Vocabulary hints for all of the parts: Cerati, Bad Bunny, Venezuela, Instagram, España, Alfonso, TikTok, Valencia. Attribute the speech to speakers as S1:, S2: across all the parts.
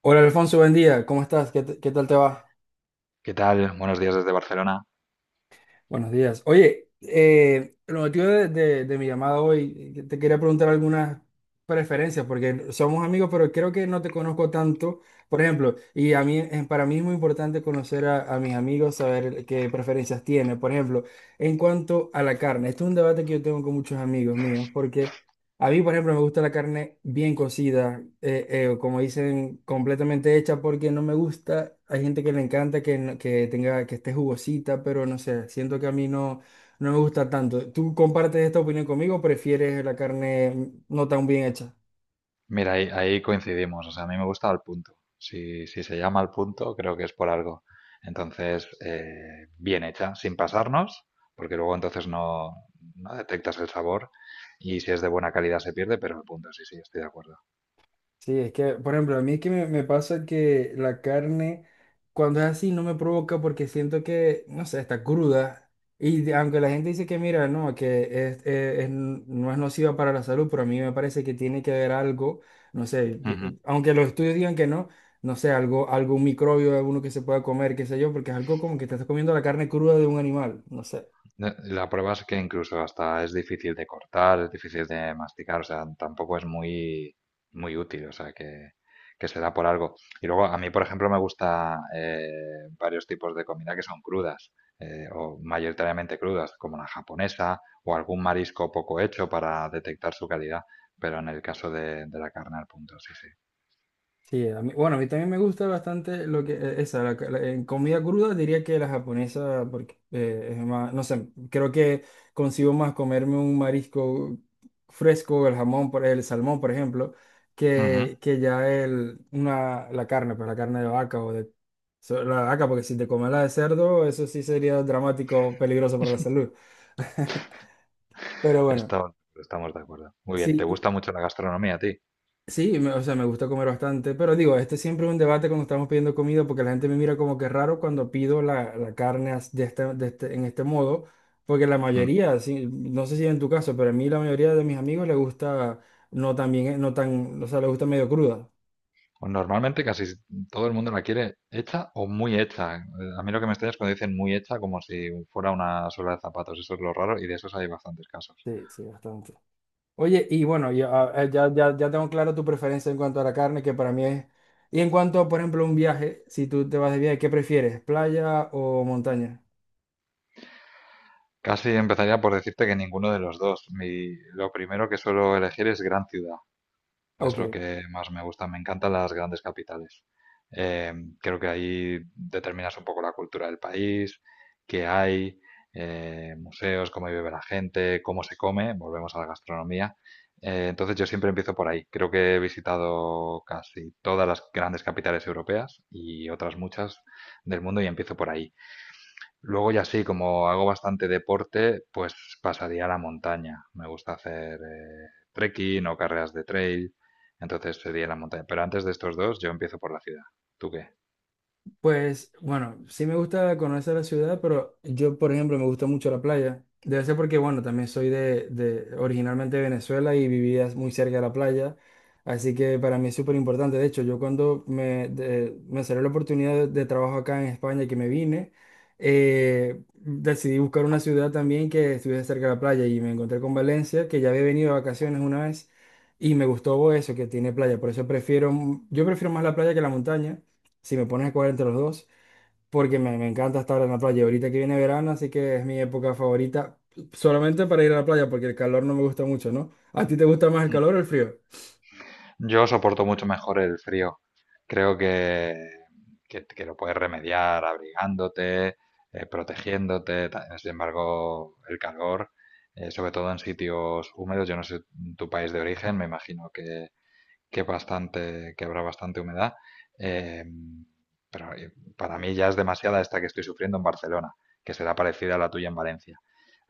S1: Hola Alfonso, buen día. ¿Cómo estás? ¿ Qué tal te va?
S2: ¿Qué tal? Buenos días desde Barcelona.
S1: Buenos días. Oye, el motivo de mi llamada hoy, te quería preguntar algunas preferencias, porque somos amigos, pero creo que no te conozco tanto, por ejemplo, y a mí, para mí es muy importante conocer a mis amigos, saber qué preferencias tienen. Por ejemplo, en cuanto a la carne, este es un debate que yo tengo con muchos amigos míos. A mí, por ejemplo, me gusta la carne bien cocida, como dicen, completamente hecha, porque no me gusta. Hay gente que le encanta que, no- que tenga, que esté jugosita, pero no sé, siento que a mí no, no me gusta tanto. ¿Tú compartes esta opinión conmigo o prefieres la carne no tan bien hecha?
S2: Mira, ahí coincidimos. O sea, a mí me gusta Al Punto. Si se llama Al Punto, creo que es por algo. Entonces, bien hecha, sin pasarnos, porque luego entonces no detectas el sabor y si es de buena calidad se pierde, pero el punto sí, sí, estoy de acuerdo.
S1: Sí, es que, por ejemplo, a mí es que me pasa que la carne, cuando es así, no me provoca porque siento que, no sé, está cruda. Aunque la gente dice que, mira, no, que es, no es nociva para la salud, pero a mí me parece que tiene que haber algo, no sé, aunque los estudios digan que no, no sé, algo, algún microbio, alguno que se pueda comer, qué sé yo, porque es algo como que te estás comiendo la carne cruda de un animal, no sé.
S2: No, la prueba es que incluso hasta es difícil de cortar, es difícil de masticar, o sea, tampoco es muy, muy útil, o sea, que se da por algo. Y luego, a mí, por ejemplo, me gusta varios tipos de comida que son crudas, o mayoritariamente crudas, como la japonesa, o algún marisco poco hecho para detectar su calidad, pero en el caso de la carne al punto, sí, sí.
S1: Bueno, a mí también me gusta bastante lo que en comida cruda diría que la japonesa, porque es más, no sé, creo que consigo más comerme un marisco fresco, el jamón, el salmón, por ejemplo,
S2: Ujú.
S1: que ya la carne, pues la carne de vaca o de la vaca, porque si te comes la de cerdo, eso sí sería dramático, peligroso para la salud. Pero bueno,
S2: Estamos de acuerdo. Muy bien, ¿te
S1: sí.
S2: gusta mucho la gastronomía a ti?
S1: Sí, o sea, me gusta comer bastante, pero digo, este siempre es un debate cuando estamos pidiendo comida porque la gente me mira como que raro cuando pido la carne en este modo, porque la mayoría, sí, no sé si en tu caso, pero a mí la mayoría de mis amigos le gusta no tan bien, no tan, o sea, le gusta medio cruda.
S2: Pues normalmente casi todo el mundo la quiere hecha o muy hecha. A mí lo que me extraña es cuando dicen muy hecha como si fuera una suela de zapatos. Eso es lo raro y de esos hay bastantes casos.
S1: Sí, sí, bastante. Oye, y bueno, ya, ah, ya tengo claro tu preferencia en cuanto a la carne, que para mí es... Y en cuanto a, por ejemplo, un viaje, si tú te vas de viaje, ¿qué prefieres? ¿Playa o montaña?
S2: Casi empezaría por decirte que ninguno de los dos. Lo primero que suelo elegir es gran ciudad. Es lo
S1: Ok.
S2: que más me gusta. Me encantan las grandes capitales. Eh, Creo que ahí determinas un poco la cultura del país, qué hay, museos, cómo vive la gente, cómo se come. Volvemos a la gastronomía. Entonces yo siempre empiezo por ahí. Creo que he visitado casi todas las grandes capitales europeas y otras muchas del mundo y empiezo por ahí. Luego ya sí, como hago bastante deporte, pues pasaría a la montaña. Me gusta hacer trekking o carreras de trail, entonces sería la montaña. Pero antes de estos dos, yo empiezo por la ciudad. ¿Tú qué?
S1: Pues bueno, sí me gusta conocer la ciudad, pero yo, por ejemplo, me gusta mucho la playa. Debe ser porque, bueno, también soy de originalmente de Venezuela y vivía muy cerca de la playa. Así que para mí es súper importante. De hecho, yo me salió la oportunidad de trabajo acá en España y que me vine, decidí buscar una ciudad también que estuviese cerca de la playa y me encontré con Valencia, que ya había venido de vacaciones una vez y me gustó eso, que tiene playa. Yo prefiero más la playa que la montaña si me pones a escoger entre los dos, porque me encanta estar en la playa. Ahorita que viene verano, así que es mi época favorita, solamente para ir a la playa, porque el calor no me gusta mucho, ¿no? ¿A ti te gusta más el calor o el frío?
S2: Yo soporto mucho mejor el frío. Creo que lo puedes remediar abrigándote, protegiéndote. Sin embargo, el calor, sobre todo en sitios húmedos, yo no sé tu país de origen, me imagino que bastante, que habrá bastante humedad. eh, pero eh, para mí ya es demasiada esta que estoy sufriendo en Barcelona, que será parecida a la tuya en Valencia.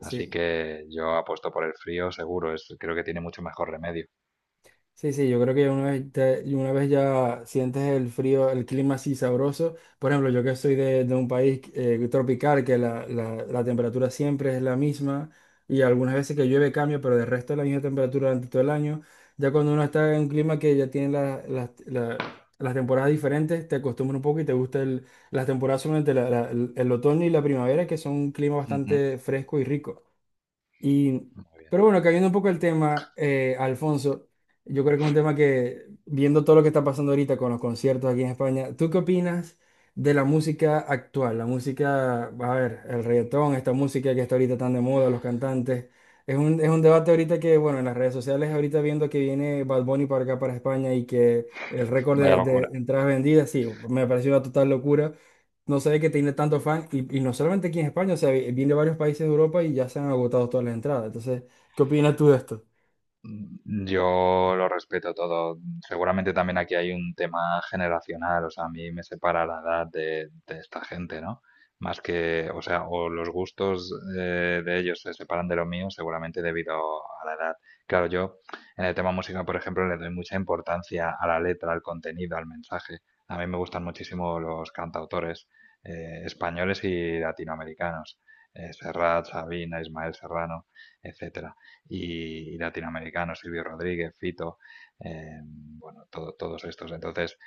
S2: Así que yo apuesto por el frío, seguro, es, creo que tiene mucho mejor remedio.
S1: Sí, sí, yo creo que una vez ya sientes el frío, el clima así sabroso. Por ejemplo, yo que soy de un país tropical, que la- la temperatura siempre es la misma y algunas veces que llueve cambia, pero del resto es la misma temperatura durante todo el año. Ya cuando uno está en un clima que ya tiene las temporadas diferentes, te acostumbras un poco y te gusta el- las temporadas solamente la- la- el otoño y la primavera, que son un clima
S2: Ujú.
S1: bastante fresco y rico. Y,
S2: Muy bien.
S1: pero bueno, cayendo un poco el tema, Alfonso, yo creo que es un tema que, viendo todo lo que está pasando ahorita con los conciertos aquí en España, ¿tú qué opinas de la música actual? La música, a ver, el reggaetón, esta música que está ahorita tan de moda, los cantantes. Es un debate ahorita que, bueno, en las redes sociales, ahorita viendo que viene Bad Bunny para acá, para España, y que el récord
S2: Vaya
S1: de
S2: locura.
S1: entradas vendidas, sí, me pareció una total locura. No sé que tiene tanto fan, y no solamente aquí en España, o sea, viene de varios países de Europa y ya se han agotado todas las entradas. Entonces, ¿qué opinas tú de esto?
S2: Mm, yo lo respeto todo. Seguramente también aquí hay un tema generacional, o sea, a mí me separa la edad de esta gente, ¿no? Más que, o sea, o los gustos de ellos se separan de los míos, seguramente debido a la edad. Claro, yo en el tema música, por ejemplo, le doy mucha importancia a la letra, al contenido, al mensaje. A mí me gustan muchísimo los cantautores españoles y latinoamericanos. Serrat, Sabina, Ismael Serrano, etcétera y latinoamericanos, Silvio Rodríguez, Fito, bueno, todos estos. Entonces,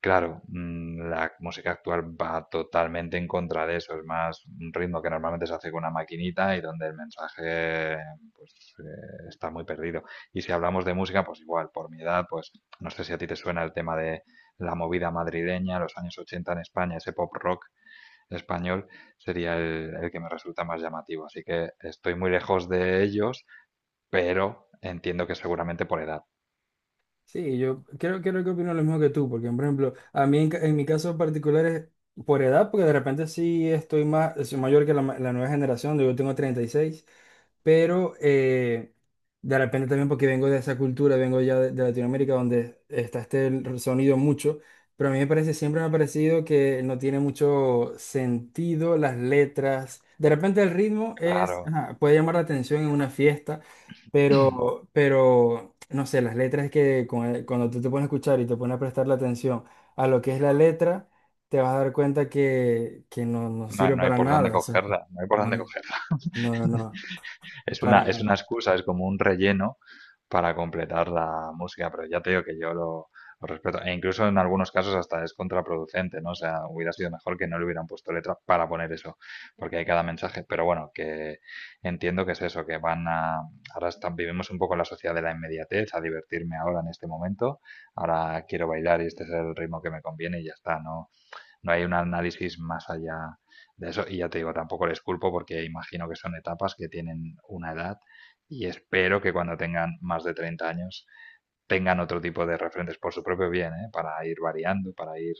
S2: claro, mm, la música actual va totalmente en contra de eso. Es más un ritmo que normalmente se hace con una maquinita y donde el mensaje pues, está muy perdido. Y si hablamos de música, pues igual, por mi edad, pues no sé si a ti te suena el tema de la movida madrileña, los años 80 en España, ese pop rock español sería el que me resulta más llamativo. Así que estoy muy lejos de ellos, pero entiendo que seguramente por edad.
S1: Sí, yo creo, creo que opino lo mismo que tú, porque, por ejemplo, a mí en mi caso particular es por edad, porque de repente sí estoy más, soy mayor que la nueva generación, yo tengo 36, pero de repente también porque vengo de esa cultura, vengo ya de Latinoamérica donde está este el sonido mucho, pero a mí me parece, siempre me ha parecido que no tiene mucho sentido las letras. De repente el ritmo es,
S2: Claro,
S1: ajá, puede llamar la atención en una fiesta, pero no sé, las letras que cuando tú te pones a escuchar y te pones a prestar la atención a lo que es la letra, te vas a dar cuenta que no, no
S2: no
S1: sirve
S2: no hay
S1: para
S2: por dónde
S1: nada. O sea, que
S2: cogerla, no hay por
S1: no,
S2: dónde cogerla.
S1: no, no, no, para
S2: Es
S1: nada.
S2: una excusa, es como un relleno para completar la música, pero ya te digo que lo respeto. E incluso en algunos casos hasta es contraproducente, ¿no? O sea, hubiera sido mejor que no le hubieran puesto letra para poner eso, porque hay cada mensaje. Pero bueno, que entiendo que es eso, que van a... Ahora están, vivimos un poco en la sociedad de la inmediatez, a divertirme ahora en este momento. Ahora quiero bailar y este es el ritmo que me conviene y ya está, ¿no? No hay un análisis más allá de eso. Y ya te digo, tampoco les culpo porque imagino que son etapas que tienen una edad y espero que cuando tengan más de 30 años tengan otro tipo de referentes por su propio bien, ¿eh? Para ir variando, para ir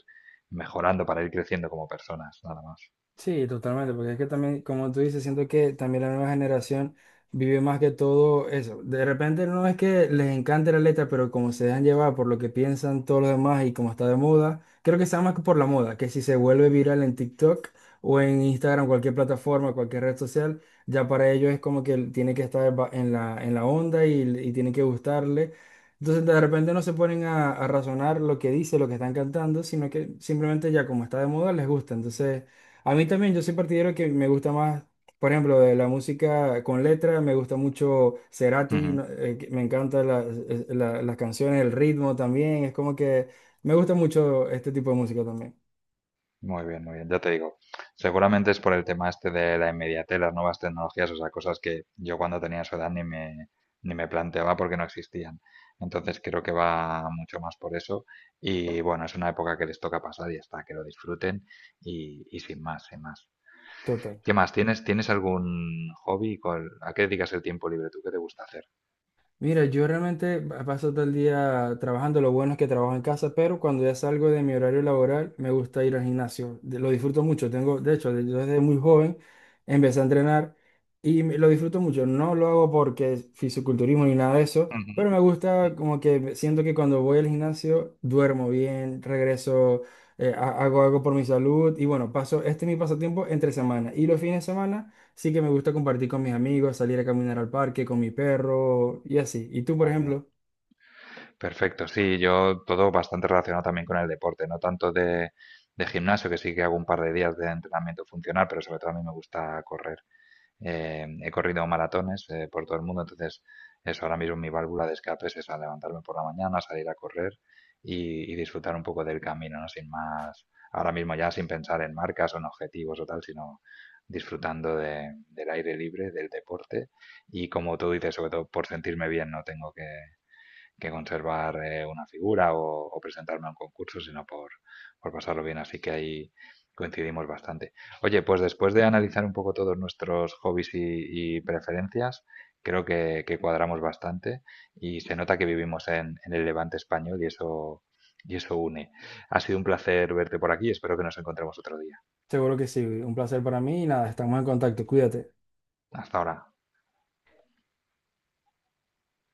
S2: mejorando, para ir creciendo como personas, nada más.
S1: Sí, totalmente, porque es que también, como tú dices, siento que también la nueva generación vive más que todo eso. De repente no es que les encante la letra, pero como se dejan llevar por lo que piensan todos los demás y como está de moda, creo que está más que por la moda, que si se vuelve viral en TikTok o en Instagram, cualquier plataforma, cualquier red social, ya para ellos es como que tiene que estar en en la onda y tiene que gustarle. Entonces de repente no se ponen a razonar lo que dice, lo que están cantando, sino que simplemente ya como está de moda les gusta. Entonces... A mí también, yo soy partidario que me gusta más, por ejemplo, de la música con letra, me gusta mucho Cerati,
S2: Ujú.
S1: me encantan las canciones, el ritmo también, es como que me gusta mucho este tipo de música también.
S2: Muy bien, ya te digo. Seguramente es por el tema este de la inmediatez, las nuevas tecnologías, o sea, cosas que yo cuando tenía su edad ni me planteaba porque no existían. Entonces creo que va mucho más por eso. Y bueno, es una época que les toca pasar y ya está, que lo disfruten y sin más, sin más.
S1: Total.
S2: ¿Qué más? ¿Tienes, tienes algún hobby? ¿Cuál- ¿A qué dedicas el tiempo libre tú? ¿Qué te gusta hacer?
S1: Mira, yo realmente paso todo el día trabajando. Lo bueno es que trabajo en casa, pero cuando ya salgo de mi horario laboral, me gusta ir al gimnasio. Lo disfruto mucho. Tengo, de hecho, yo desde muy joven empecé a entrenar y lo disfruto mucho. No lo hago porque es fisiculturismo ni nada de eso,
S2: Ujú,
S1: pero me gusta como que siento que cuando voy al gimnasio duermo bien, regreso, hago algo por mi salud y bueno, paso, este es mi pasatiempo entre semana y los fines de semana. Sí que me gusta compartir con mis amigos, salir a caminar al parque con mi perro y así. ¿Y tú, por
S2: muy bien.
S1: ejemplo?
S2: Perfecto, sí, yo todo bastante relacionado también con el deporte, no tanto de gimnasio, que sí que hago un par de días de entrenamiento funcional, pero sobre todo a mí me gusta correr. He corrido maratones por todo el mundo, entonces eso ahora mismo mi válvula de escape es esa, levantarme por la mañana, salir a correr y disfrutar un poco del camino, ¿no? Sin más, ahora mismo ya sin pensar en marcas o en objetivos o tal, sino disfrutando del aire libre, del deporte y como tú dices, sobre todo por sentirme bien, no tengo que conservar una figura o presentarme a un concurso, sino por pasarlo bien. Así que ahí coincidimos bastante. Oye, pues después de analizar un poco todos nuestros hobbies y preferencias, creo que cuadramos bastante y se nota que vivimos en el Levante español y eso une. Ha sido un placer verte por aquí, espero que nos encontremos otro día.
S1: Seguro que sí. Un placer para mí y nada, estamos en contacto. Cuídate.
S2: Hasta ahora.